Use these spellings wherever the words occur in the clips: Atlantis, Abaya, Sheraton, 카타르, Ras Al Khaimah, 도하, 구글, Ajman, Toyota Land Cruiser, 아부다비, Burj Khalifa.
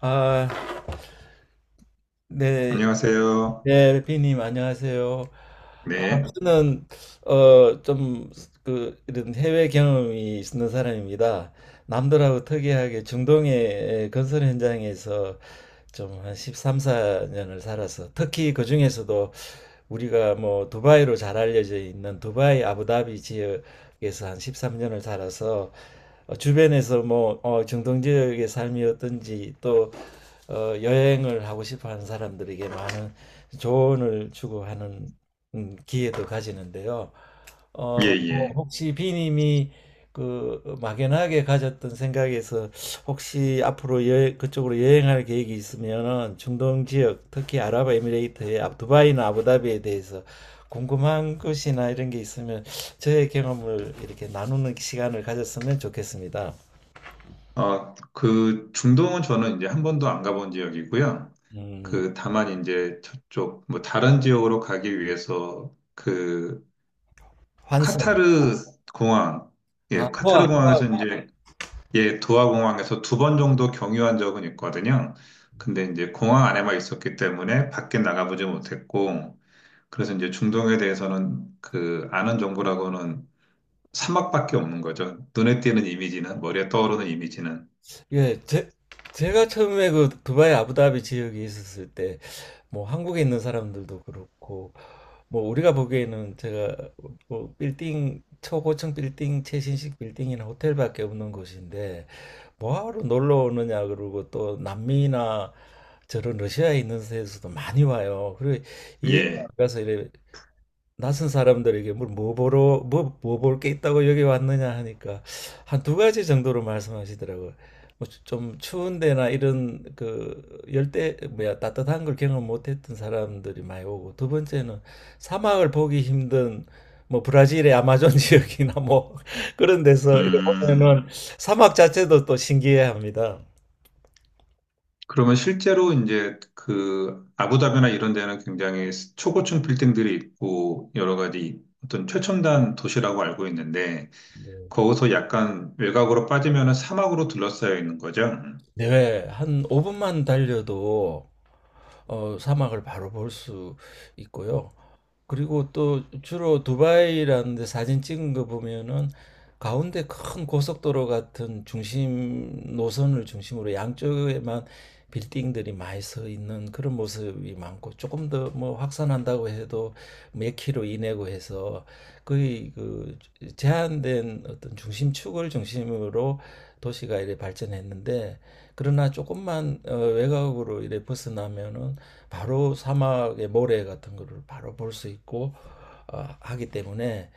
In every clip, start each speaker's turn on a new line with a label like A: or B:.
A: 아, 네.
B: 안녕하세요.
A: 네, 비님 안녕하세요. 아,
B: 네,
A: 저는 좀 그 이런 해외 경험이 있는 사람입니다. 남들하고 특이하게 중동의 건설 현장에서 좀 한 13, 14년을 살아서, 특히 그 중에서도 우리가 뭐 두바이로 잘 알려져 있는 두바이 아부다비 지역에서 한 13년을 살아서, 주변에서 뭐 중동 지역의 삶이 어떤지, 또 여행을 하고 싶어 하는 사람들에게 많은 조언을 추구하는 기회도 가지는데요. 어,
B: 예,
A: 뭐
B: 예.
A: 혹시 비님이 그 막연하게 가졌던 생각에서, 혹시 앞으로 여행, 그쪽으로 여행할 계획이 있으면은 중동 지역, 특히 아랍에미레이트의 두바이나 아부다비에 대해서 궁금한 것이나 이런 게 있으면 저의 경험을 이렇게 나누는 시간을 가졌으면 좋겠습니다.
B: 그 중동은 저는 이제 한 번도 안 가본 지역이고요.
A: 음,
B: 그 다만 이제 저쪽 뭐 다른 지역으로 가기 위해서 그
A: 환승.
B: 카타르 공항,
A: 아,
B: 예,
A: 도하.
B: 카타르 공항에서 이제 예, 도하 공항에서 두 번 정도 경유한 적은 있거든요. 근데 이제 공항 안에만 있었기 때문에 밖에 나가보지 못했고, 그래서 이제 중동에 대해서는 그 아는 정보라고는 사막밖에 없는 거죠. 눈에 띄는 이미지는, 머리에 떠오르는 이미지는.
A: 예, 제가 처음에 그 두바이 아부다비 지역에 있었을 때, 뭐 한국에 있는 사람들도 그렇고, 뭐 우리가 보기에는 제가 뭐 빌딩, 초고층 빌딩, 최신식 빌딩이나 호텔밖에 없는 곳인데 뭐하러 놀러 오느냐, 그러고 또 남미나 저런 러시아에 있는 데서도 많이 와요. 그리고 이해가
B: 예.
A: 안 가서 이래 낯선 사람들에게 뭘 뭐 보러 뭐 볼 게 있다고 여기 왔느냐 하니까 한 두 가지 정도로 말씀하시더라고요. 뭐 좀 추운 데나 이런 그 열대, 뭐야, 따뜻한 걸 경험 못했던 사람들이 많이 오고, 두 번째는 사막을 보기 힘든 뭐 브라질의 아마존 지역이나 뭐 그런 데서 이렇게
B: 음.
A: 보면은 사막 자체도 또 신기해합니다.
B: 그러면 실제로 이제 그 아부다비나 이런 데는 굉장히 초고층 빌딩들이 있고 여러 가지 어떤 최첨단 도시라고 알고 있는데
A: 네.
B: 거기서 약간 외곽으로 빠지면은 사막으로 둘러싸여 있는 거죠.
A: 네, 한 5분만 달려도 사막을 바로 볼 수 있고요. 그리고 또 주로 두바이라는 데 사진 찍은 거 보면은 가운데 큰 고속도로 같은 중심 노선을 중심으로 양쪽에만 빌딩들이 많이 서 있는 그런 모습이 많고, 조금 더 뭐 확산한다고 해도 몇 킬로 이내고 해서 거의 그 제한된 어떤 중심축을 중심으로 도시가 이래 발전했는데, 그러나 조금만 외곽으로 이래 벗어나면은 바로 사막의 모래 같은 거를 바로 볼 수 있고 하기 때문에,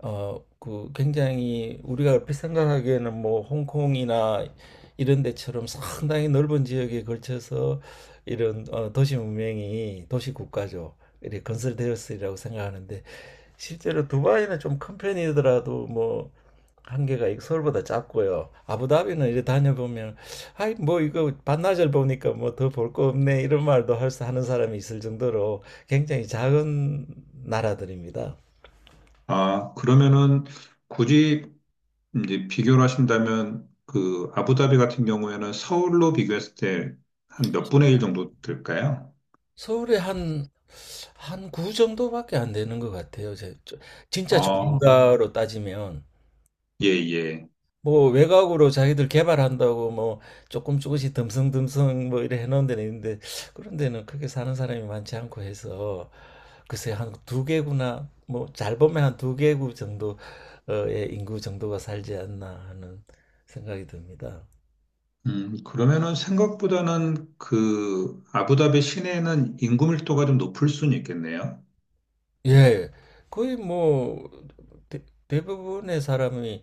A: 그 굉장히, 우리가 얼핏 생각하기에는 뭐 홍콩이나 이런 데처럼 상당히 넓은 지역에 걸쳐서 이런 도시 문명이, 도시 국가죠. 이렇게 건설되었으리라고 생각하는데, 실제로 두바이는 좀 큰 편이더라도 뭐 한계가 서울보다 작고요. 아부다비는 이제 다녀보면 아이 뭐 이거 반나절 보니까 뭐 더 볼 거 없네, 이런 말도 할 수 하는 사람이 있을 정도로 굉장히 작은 나라들입니다.
B: 아, 그러면은 굳이 이제 비교를 하신다면 그 아부다비 같은 경우에는 서울로 비교했을 때 한 몇 분의 일 정도 될까요?
A: 서울에 한 한 구 정도밖에 안 되는 것 같아요. 진짜
B: 아,
A: 조인가로 따지면
B: 예, 예.
A: 뭐 외곽으로 자기들 개발한다고 뭐 조금씩 듬성듬성 뭐 이래 해놓은 데는 있는데, 그런 데는 크게 사는 사람이 많지 않고 해서 글쎄 한 두 개구나, 뭐 잘 보면 한 두 개구 정도의 인구 정도가 살지 않나 하는 생각이 듭니다.
B: 그러면은 생각보다는 그 아부다비 시내에는 인구 밀도가 좀 높을 수는 있겠네요.
A: 예, 거의 뭐 대부분의 사람이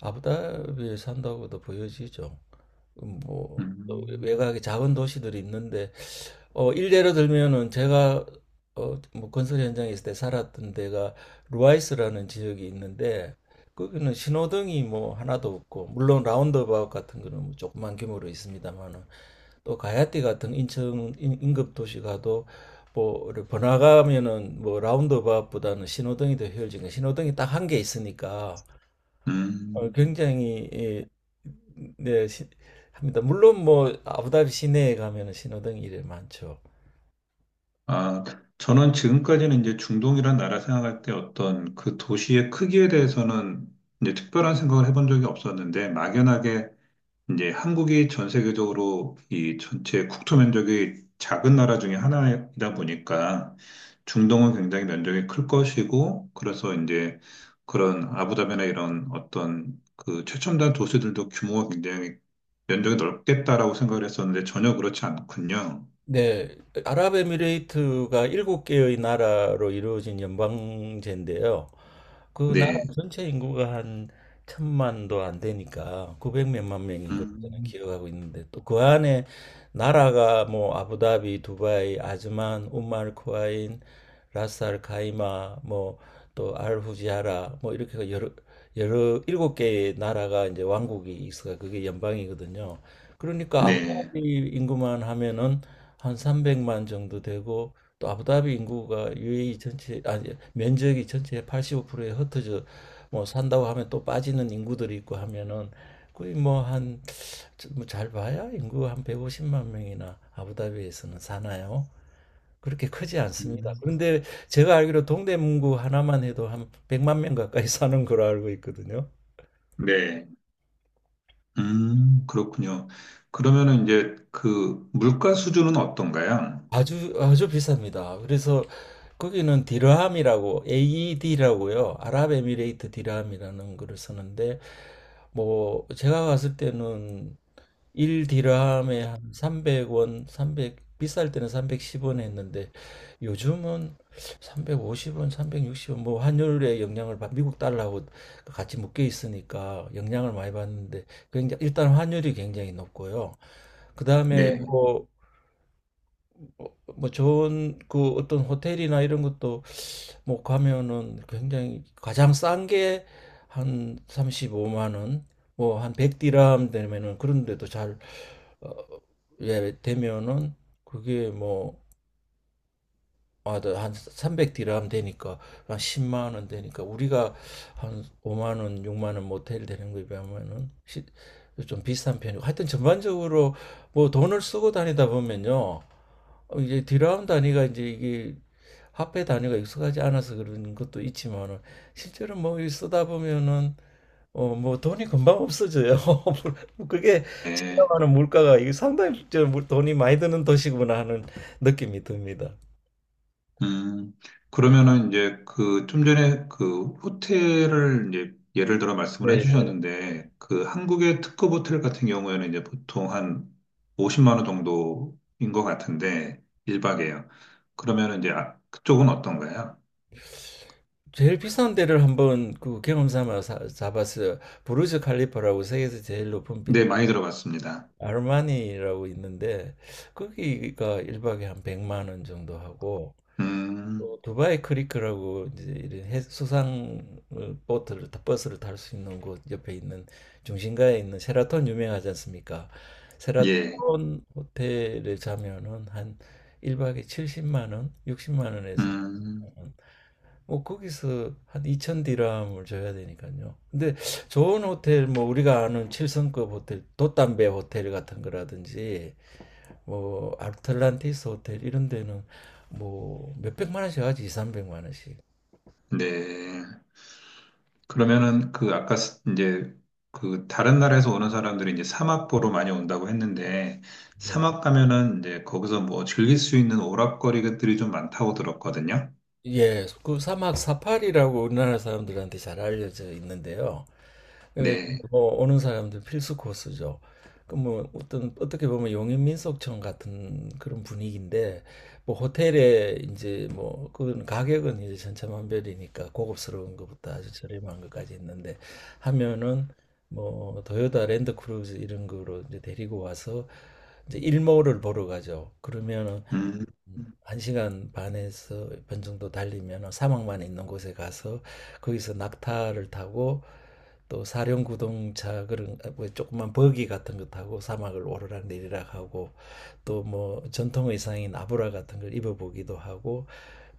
A: 아부다비에 산다고도 보여지죠. 뭐
B: 음,
A: 외곽에 작은 도시들이 있는데, 일례로 들면은 제가 어뭐 건설 현장에 있을 때 살았던 데가 루아이스라는 지역이 있는데, 거기는 신호등이 뭐 하나도 없고, 물론 라운드바웃 같은 거는 뭐 조그만 규모로 있습니다만은, 또 가야띠 같은 인접 도시 가도 뭐 이렇게 번화가면은 뭐 라운드바웃보다는 신호등이 더 효율적인, 신호등이 딱 한 개 있으니까
B: 음.
A: 굉장히, 예, 네 합니다. 물론 뭐 아부다비 시내에 가면 신호등 이래 많죠.
B: 아, 저는 지금까지는 이제 중동이란 나라 생각할 때 어떤 그 도시의 크기에 대해서는 이제 특별한 생각을 해본 적이 없었는데 막연하게 이제 한국이 전 세계적으로 이 전체 국토 면적이 작은 나라 중에 하나이다 보니까 중동은 굉장히 면적이 클 것이고 그래서 이제 그런 아부다비나 이런 어떤 그 최첨단 도시들도 규모가 굉장히 면적이 넓겠다라고 생각을 했었는데 전혀 그렇지 않군요.
A: 네, 아랍에미레이트가 일곱 개의 나라로 이루어진 연방제인데요. 그 나라
B: 네.
A: 전체 인구가 한 천만도 안 되니까 900 몇만 명인 걸로 저는
B: 음,
A: 기억하고 있는데, 또 그 안에 나라가 뭐 아부다비, 두바이, 아즈만, 우말쿠 코아인, 라스알 카이마, 뭐 또 알후지아라, 뭐 이렇게 여러 일곱 개의 나라가, 이제 왕국이 있어요. 그게 연방이거든요. 그러니까
B: 네.
A: 아부다비 인구만 하면은 한 300만 정도 되고, 또 아부다비 인구가 UAE 전체, 아니 면적이 전체의 85%에 흩어져 뭐 산다고 하면 또 빠지는 인구들이 있고 하면은 거의 뭐 한, 뭐 잘 봐야 인구 한 150만 명이나 아부다비에서는 사나요? 그렇게 크지 않습니다.
B: 음,
A: 그런데 제가 알기로 동대문구 하나만 해도 한 100만 명 가까이 사는 걸로 알고 있거든요.
B: 네. 그렇군요. 그러면은 이제 그 물가 수준은 어떤가요?
A: 아주 아주 비쌉니다. 그래서 거기는 디르함이라고, AED라고요. 아랍에미레이트 디르함이라는 거를 쓰는데, 뭐 제가 갔을 때는 1 디르함에 한 300원, 300, 비쌀 때는 310원 했는데, 요즘은 350원, 360원, 뭐 환율의 영향을 받 미국 달러하고 같이 묶여 있으니까 영향을 많이 받는데, 굉장히, 일단 환율이 굉장히 높고요. 그다음에
B: 네.
A: 뭐 어, 뭐 좋은 그 어떤 호텔이나 이런 것도 뭐 가면은 굉장히, 가장 싼 게 한 35만 원, 뭐 한 100디람 되면은, 그런데도 잘 어, 예, 되면은 그게 뭐, 아, 한 300디람 되니까 한 10만 원 되니까, 우리가 한 5만 원, 6만 원 모텔 되는 거에 비하면은 좀 비싼 편이고, 하여튼 전반적으로 뭐 돈을 쓰고 다니다 보면요, 이제 디라운 단위가 이제 이게 화폐 단위가 익숙하지 않아서 그런 것도 있지만은, 실제로 뭐 쓰다 보면은 뭐 돈이 금방 없어져요. 그게 제가
B: 네.
A: 하는, 물가가 이게 상당히 저 돈이 많이 드는 도시구나 하는 느낌이 듭니다.
B: 음, 그러면은 이제 그 좀 전에 그 호텔을 이제 예를 들어 말씀을
A: 네.
B: 해주셨는데 그 한국의 특급 호텔 같은 경우에는 이제 보통 한 50만 원 정도인 것 같은데 1박에요. 그러면은 이제 아, 그쪽은 어떤가요?
A: 제일 비싼 데를 한번 그 경험 삼아 잡았어요. 부르즈 칼리파라고 세계에서 제일 높은 빌,
B: 네, 많이 들어봤습니다.
A: 아르마니라고 있는데, 거기가 일박에한 100만 원 정도 하고,
B: 음,
A: 두바이 크리크라고, 이제 이런 수상 보트를 버스를 탈 수 있는 곳 옆에 있는, 중심가에 있는 셰라톤 유명하지 않습니까?
B: 예,
A: 셰라톤 호텔에 자면은 한 1박에 70만 원, 60만 원에서
B: 음,
A: 자면 뭐 거기서 한 2천 디람을 줘야 되니까요. 근데 좋은 호텔, 뭐 우리가 아는 7성급 호텔, 돛담배 호텔 같은 거라든지 뭐 아틀란티스 호텔 이런 데는 뭐 몇백만 원씩 하지, 이삼백만 원씩.
B: 네. 그러면은 그 아까 이제 그 다른 나라에서 오는 사람들이 이제 사막 보러 많이 온다고 했는데
A: 네.
B: 사막 가면은 이제 거기서 뭐 즐길 수 있는 오락거리들이 좀 많다고 들었거든요.
A: 예, 그 사막 사파리라고 우리나라 사람들한테 잘 알려져 있는데요. 그러니까
B: 네.
A: 뭐 오는 사람들 필수 코스죠. 그 뭐 어떤, 어떻게 보면 용인민속촌 같은 그런 분위기인데, 뭐 호텔에 이제 뭐 그건 가격은 이제 천차만별이니까, 고급스러운 것부터 아주 저렴한 것까지 있는데, 하면은 뭐 토요타 랜드크루즈 이런 거로 이제 데리고 와서 이제 일몰을 보러 가죠. 그러면은
B: 음.
A: 한시간 반에서 반 정도 달리면 사막만 있는 곳에 가서, 거기서 낙타를 타고, 또 사륜 구동차, 그런 아, 뭐 조그만 버기 같은 거 타고 사막을 오르락 내리락 하고, 또 뭐 전통 의상인 아브라 같은 걸 입어보기도 하고,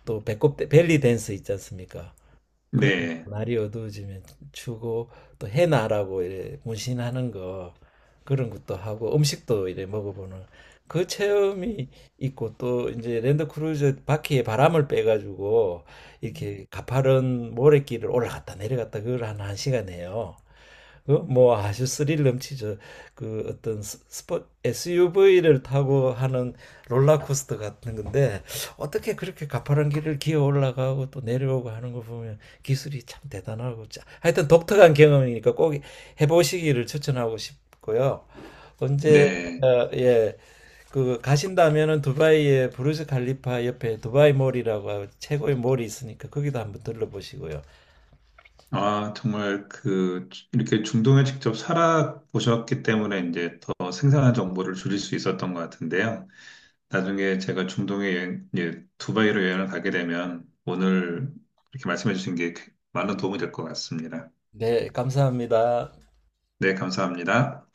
A: 또 배꼽, 벨리 댄스 있지 않습니까? 그런,
B: 네.
A: 날이 어두워지면 추고, 또 해나라고 이래 문신하는 거, 그런 것도 하고 음식도 이래 먹어보는 그 체험이 있고, 또 이제 랜드크루저 바퀴에 바람을 빼가지고 이렇게 가파른 모래길을 올라갔다 내려갔다, 그걸 한 1시간 해요. 그 뭐 아주 스릴 넘치죠. 그 어떤 스- 스 SUV를 타고 하는 롤러코스터 같은 건데, 어떻게 그렇게 가파른 길을 기어 올라가고 또 내려오고 하는 거 보면 기술이 참 대단하고, 하여튼 독특한 경험이니까 꼭 해보시기를 추천하고 싶고요. 언제
B: 네.
A: 예, 그 가신다면은 두바이의 부르즈 칼리파 옆에 두바이 몰이라고 최고의 몰이 있으니까 거기도 한번 들러보시고요.
B: 아, 정말 그 이렇게 중동에 직접 살아 보셨기 때문에 이제 더 생생한 정보를 줄일 수 있었던 것 같은데요. 나중에 제가 중동에 여행, 예, 두바이로 여행을 가게 되면 오늘 이렇게 말씀해 주신 게 많은 도움이 될 것 같습니다.
A: 네, 감사합니다.
B: 네, 감사합니다.